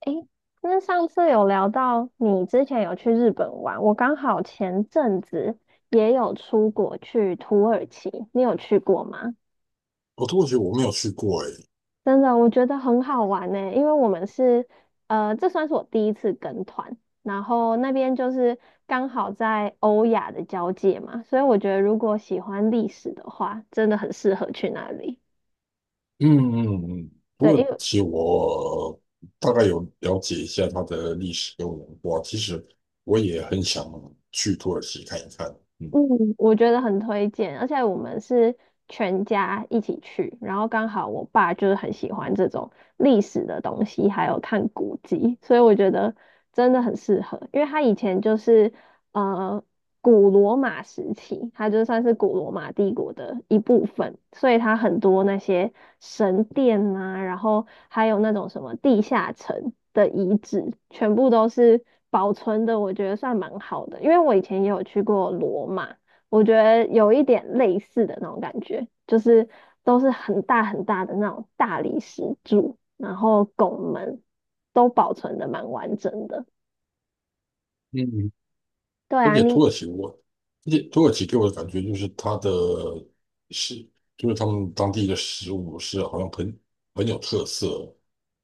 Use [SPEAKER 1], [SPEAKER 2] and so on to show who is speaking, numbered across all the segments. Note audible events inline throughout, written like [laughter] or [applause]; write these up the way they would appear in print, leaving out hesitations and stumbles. [SPEAKER 1] 诶，那上次有聊到你之前有去日本玩，我刚好前阵子也有出国去土耳其，你有去过吗？
[SPEAKER 2] 哦，土耳其我没有去过诶。
[SPEAKER 1] 真的，我觉得很好玩呢，因为我们是，这算是我第一次跟团，然后那边就是刚好在欧亚的交界嘛，所以我觉得如果喜欢历史的话，真的很适合去那里。
[SPEAKER 2] 嗯嗯嗯，土
[SPEAKER 1] 对，因
[SPEAKER 2] 耳
[SPEAKER 1] 为
[SPEAKER 2] 其我大概有了解一下它的历史跟文化，其实我也很想去土耳其看一看。嗯，
[SPEAKER 1] 嗯，我觉得很推荐，而且我们是全家一起去，然后刚好我爸就是很喜欢这种历史的东西，还有看古迹，所以我觉得真的很适合，因为他以前就是呃古罗马时期，它就算是古罗马帝国的一部分，所以它很多那些神殿啊，然后还有那种什么地下城的遗址，全部都是保存的，我觉得算蛮好的。因为我以前也有去过罗马，我觉得有一点类似的那种感觉，就是都是很大很大的那种大理石柱，然后拱门都保存的蛮完整的。
[SPEAKER 2] 嗯，
[SPEAKER 1] 对
[SPEAKER 2] 而
[SPEAKER 1] 啊，
[SPEAKER 2] 且土
[SPEAKER 1] 你
[SPEAKER 2] 耳其我，而且土耳其给我的感觉就是它的是，就是他们当地的食物是好像很有特色。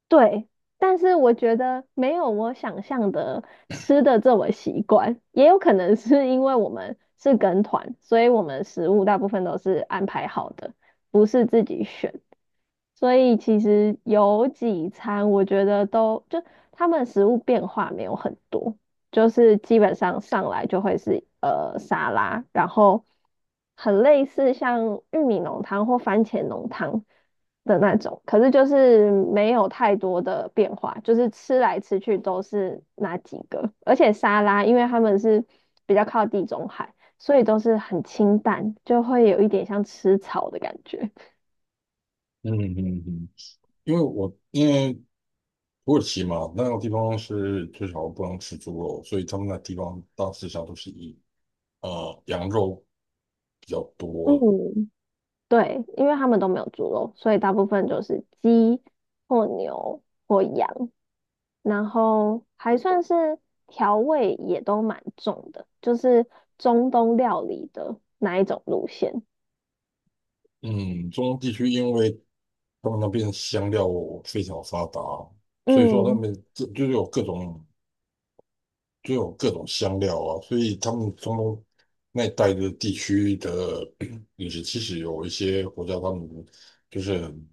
[SPEAKER 1] 对，但是我觉得没有我想象的吃的这么习惯，也有可能是因为我们是跟团，所以我们食物大部分都是安排好的，不是自己选。所以其实有几餐，我觉得都就他们食物变化没有很多，就是基本上上来就会是沙拉，然后很类似像玉米浓汤或番茄浓汤的那种，可是就是没有太多的变化，就是吃来吃去都是那几个，而且沙拉因为他们是比较靠地中海，所以都是很清淡，就会有一点像吃草的感觉。
[SPEAKER 2] 嗯嗯嗯，因为土耳其嘛，那个地方是就少不能吃猪肉，所以他们那地方大致上都是以羊肉比较多。
[SPEAKER 1] 嗯对，因为他们都没有猪肉，所以大部分就是鸡或牛或羊，然后还算是调味也都蛮重的，就是中东料理的那一种路线。
[SPEAKER 2] 嗯，中东地区因为他们那边香料非常发达，所以说他
[SPEAKER 1] 嗯，
[SPEAKER 2] 们就有各种有各种香料啊，所以他们中东那一带的地区的 [clears throat] 饮食，其实有一些国家他们就是很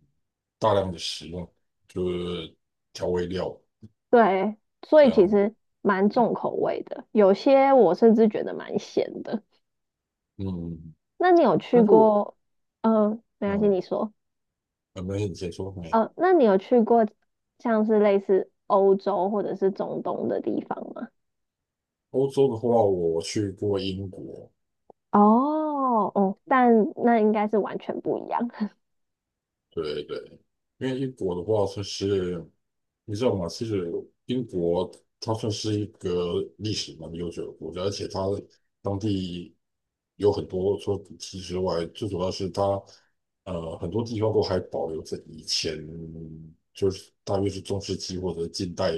[SPEAKER 2] 大量的使用就是调味料
[SPEAKER 1] 对，所以
[SPEAKER 2] 这
[SPEAKER 1] 其
[SPEAKER 2] 样。
[SPEAKER 1] 实蛮重口味的，有些我甚至觉得蛮咸的。
[SPEAKER 2] 嗯，
[SPEAKER 1] 那你有去
[SPEAKER 2] 但是我
[SPEAKER 1] 过？嗯，没关系，
[SPEAKER 2] 嗯，
[SPEAKER 1] 你说。
[SPEAKER 2] 没有你先说没。
[SPEAKER 1] 那你有去过像是类似欧洲或者是中东的地方吗？
[SPEAKER 2] 欧洲的话，我去过英国。
[SPEAKER 1] 哦哦，但那应该是完全不一样。
[SPEAKER 2] 对对，因为英国的话，它是你知道吗？其实英国它算是一个历史蛮悠久的国家，而且它当地有很多除了古迹之外，最主要是它很多地方都还保留着以前就是大约是中世纪或者近代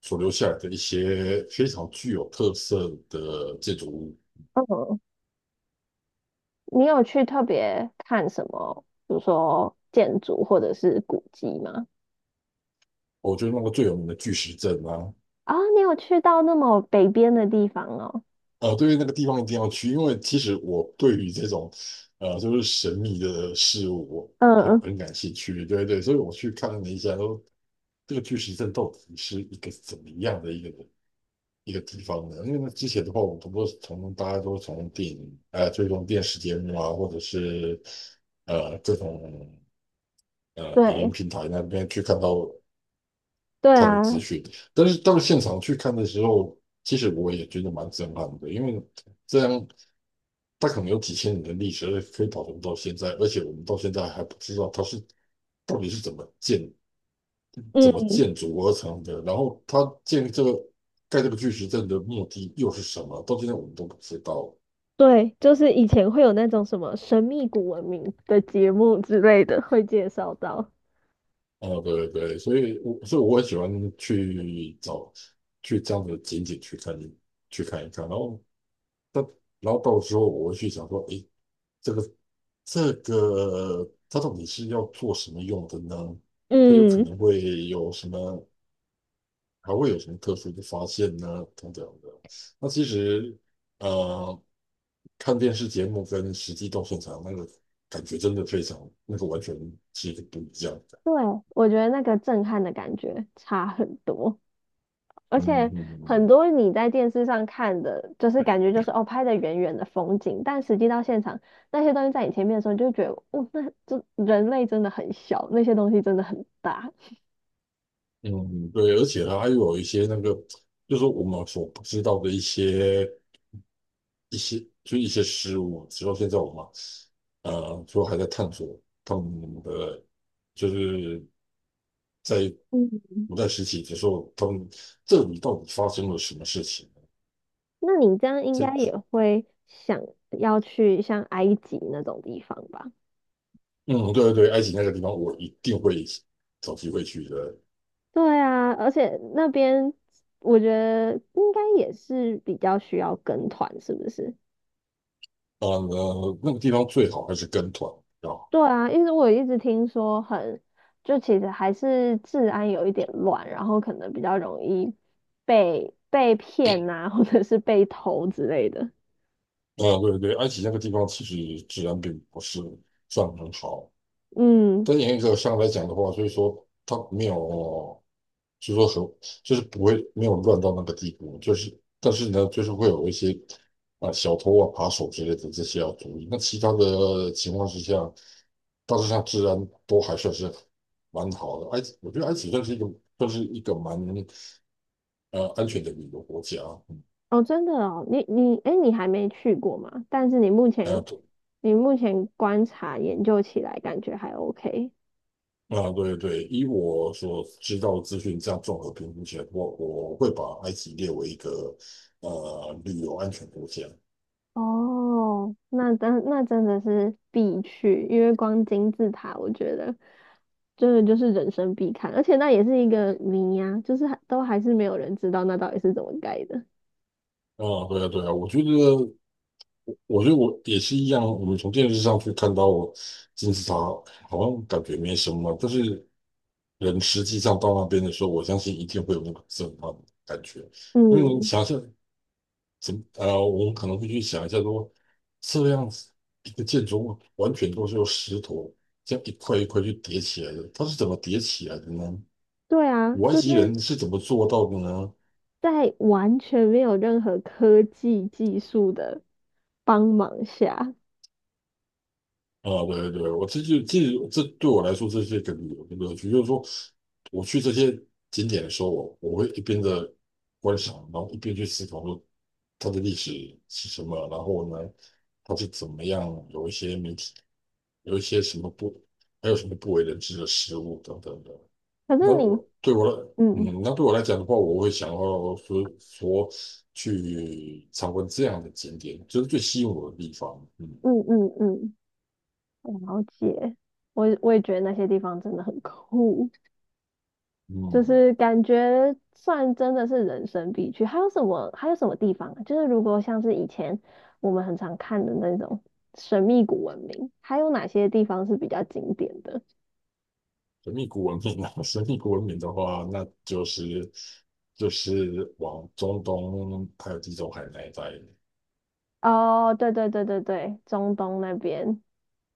[SPEAKER 2] 所留下来的一些非常具有特色的建筑物。
[SPEAKER 1] 嗯，[laughs] 你有去特别看什么，比如说建筑或者是古迹吗？
[SPEAKER 2] 我觉得那个最有名的巨石阵啊，
[SPEAKER 1] 啊、你有去到那么北边的地方哦？
[SPEAKER 2] 对于那个地方一定要去，因为其实我对于这种就是神秘的事物，我
[SPEAKER 1] 嗯，
[SPEAKER 2] 很感兴趣。对对，所以我去看了一下，说这个巨石阵到底是一个怎么样的一个地方呢？因为那之前的话，我们都是从大家都从电影追踪电视节目啊，或者是各种影音
[SPEAKER 1] 对，
[SPEAKER 2] 平台那边去看到
[SPEAKER 1] 对
[SPEAKER 2] 看的资
[SPEAKER 1] 啊，
[SPEAKER 2] 讯，但是到现场去看的时候，其实我也觉得蛮震撼的，因为这样。它可能有几千年的历史，而且可以保存到现在，而且我们到现在还不知道它是到底是怎么建、怎么
[SPEAKER 1] 嗯，
[SPEAKER 2] 建筑而成的，然后它建这个盖这个巨石阵的目的又是什么，到现在我们都不知道。
[SPEAKER 1] 对，就是以前会有那种什么神秘古文明的节目之类的，会介绍到。
[SPEAKER 2] 啊，对对对，所以我很喜欢去找去这样的景点去看一看，然后但然后到时候我会去想说，诶，这个这个它到底是要做什么用的呢？它有可
[SPEAKER 1] 嗯，
[SPEAKER 2] 能会有什么还会有什么特殊的发现呢？等等的。那其实，呃，看电视节目跟实际到现场那个感觉真的非常，那个完全是不一样的。
[SPEAKER 1] 对，我觉得那个震撼的感觉差很多。而
[SPEAKER 2] 嗯
[SPEAKER 1] 且
[SPEAKER 2] 嗯
[SPEAKER 1] 很
[SPEAKER 2] 嗯
[SPEAKER 1] 多你在电视上看的，就是感觉就是哦拍的远远的风景，但实际到现场那些东西在你前面的时候，你就觉得哦，那这人类真的很小，那些东西真的很大。
[SPEAKER 2] 嗯，嗯对，而且它还有一些那个，就是说我们所不知道的一些一些，就一些事物，直到现在我们说还在探索他们的，就是在
[SPEAKER 1] 嗯，
[SPEAKER 2] 古代时期的时候，他们这里到底发生了什么事情。
[SPEAKER 1] 那你这样应
[SPEAKER 2] 这
[SPEAKER 1] 该也会想要去像埃及那种地方吧？
[SPEAKER 2] 嗯，对对对，埃及那个地方我一定会找机会去的。
[SPEAKER 1] 对啊，而且那边我觉得应该也是比较需要跟团，是不是？
[SPEAKER 2] 呃，那个地方最好还是跟团啊。
[SPEAKER 1] 对啊，因为我一直听说很，就其实还是治安有一点乱，然后可能比较容易被骗呐，或者是被偷之类的。
[SPEAKER 2] 嗯，对对对，埃及那个地方其实治安并不是算很好，
[SPEAKER 1] 嗯，
[SPEAKER 2] 但严格上来讲的话，所以说它没有。就说很就是不会没有乱到那个地步，就是但是呢，就是会有一些啊、小偷啊、扒手之类的这些要注意。那其他的情况之下，大致上治安都还算是蛮好的。埃及，我觉得埃及算是算是一个蛮安全的旅游国家。
[SPEAKER 1] 哦，真的哦，你哎，诶你还没去过吗？但是你目
[SPEAKER 2] 啊，
[SPEAKER 1] 前
[SPEAKER 2] 对
[SPEAKER 1] 你目前观察研究起来，感觉还 OK。
[SPEAKER 2] 啊，对对，以我所知道的资讯，这样综合评估起来，我会把埃及列为一个旅游安全国家。
[SPEAKER 1] 哦，那真的是必去，因为光金字塔，我觉得。真的就是人生必看，而且那也是一个谜呀、就是还都还是没有人知道那到底是怎么盖的。
[SPEAKER 2] 啊，对啊，对啊，我觉得。我觉得我也是一样，我们从电视上去看到金字塔，好像感觉没什么，但是人实际上到那边的时候，我相信一定会有那个震撼的感觉。因为你
[SPEAKER 1] 嗯，
[SPEAKER 2] 想象怎么，我们可能会去想一下说，这样子一个建筑物完全都是由石头这样一块一块去叠起来的，它是怎么叠起来的呢？
[SPEAKER 1] 对啊，
[SPEAKER 2] 古埃
[SPEAKER 1] 就
[SPEAKER 2] 及
[SPEAKER 1] 是
[SPEAKER 2] 人是怎么做到的呢？
[SPEAKER 1] 在完全没有任何科技技术的帮忙下，
[SPEAKER 2] 啊，对对对，我这就其实这对我来说，这是一个旅游的乐趣，就是说我去这些景点的时候，我会一边的观赏，然后一边去思考说它的历史是什么，然后呢，它是怎么样，有一些媒体，有一些什么不，还有什么不为人知的事物等等的。
[SPEAKER 1] 可
[SPEAKER 2] 那
[SPEAKER 1] 是你，
[SPEAKER 2] 我对我来，
[SPEAKER 1] 嗯
[SPEAKER 2] 嗯，那对我来讲的话，我会想要说去参观这样的景点，这是最吸引我的地方。嗯
[SPEAKER 1] 嗯，我了解，我也觉得那些地方真的很酷。就
[SPEAKER 2] 嗯。
[SPEAKER 1] 是感觉算真的是人生必去。还有什么？还有什么地方啊？就是如果像是以前我们很常看的那种神秘古文明，还有哪些地方是比较经典的？
[SPEAKER 2] 神秘古文明啊，神秘古文明的话，那就是就是往中东还有地中海那一带，
[SPEAKER 1] 哦，对对对对对，中东那边。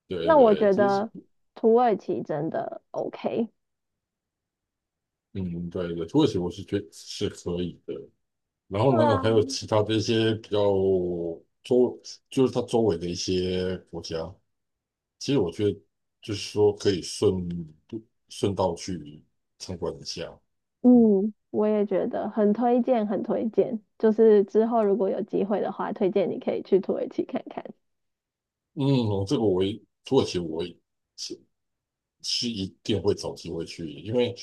[SPEAKER 2] 对
[SPEAKER 1] 那我
[SPEAKER 2] 对，
[SPEAKER 1] 觉
[SPEAKER 2] 就是
[SPEAKER 1] 得土耳其真的 OK。
[SPEAKER 2] 嗯，对对，土耳其我是觉得是可以的。然
[SPEAKER 1] 对
[SPEAKER 2] 后呢，
[SPEAKER 1] 啊，
[SPEAKER 2] 还有其他的一些比较周，就是它周围的一些国家，其实我觉得就是说可以顺道去参观一下。嗯，
[SPEAKER 1] 嗯，我也觉得很推荐，很推荐。就是之后如果有机会的话，推荐你可以去土耳其看看。
[SPEAKER 2] 嗯，我这个我也土耳其我也是一定会找机会去，因为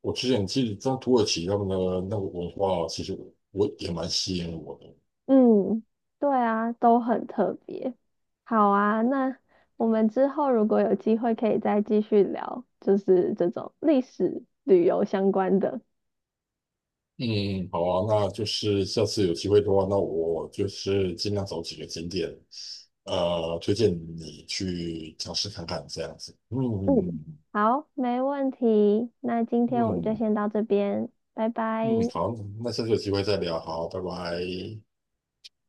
[SPEAKER 2] 我之前其实在土耳其他们的那个文化，其实我也蛮吸引我的。
[SPEAKER 1] 嗯，对啊，都很特别。好啊，那我们之后如果有机会，可以再继续聊，就是这种历史旅游相关的。
[SPEAKER 2] 嗯，好啊，那就是下次有机会的话，那我就是尽量找几个景点，推荐你去尝试看看这样子。嗯
[SPEAKER 1] 嗯，
[SPEAKER 2] 嗯
[SPEAKER 1] 好，没问题。那今天我们就
[SPEAKER 2] 嗯
[SPEAKER 1] 先到这边，拜拜。
[SPEAKER 2] 嗯，好，那下次有机会再聊，好，拜拜。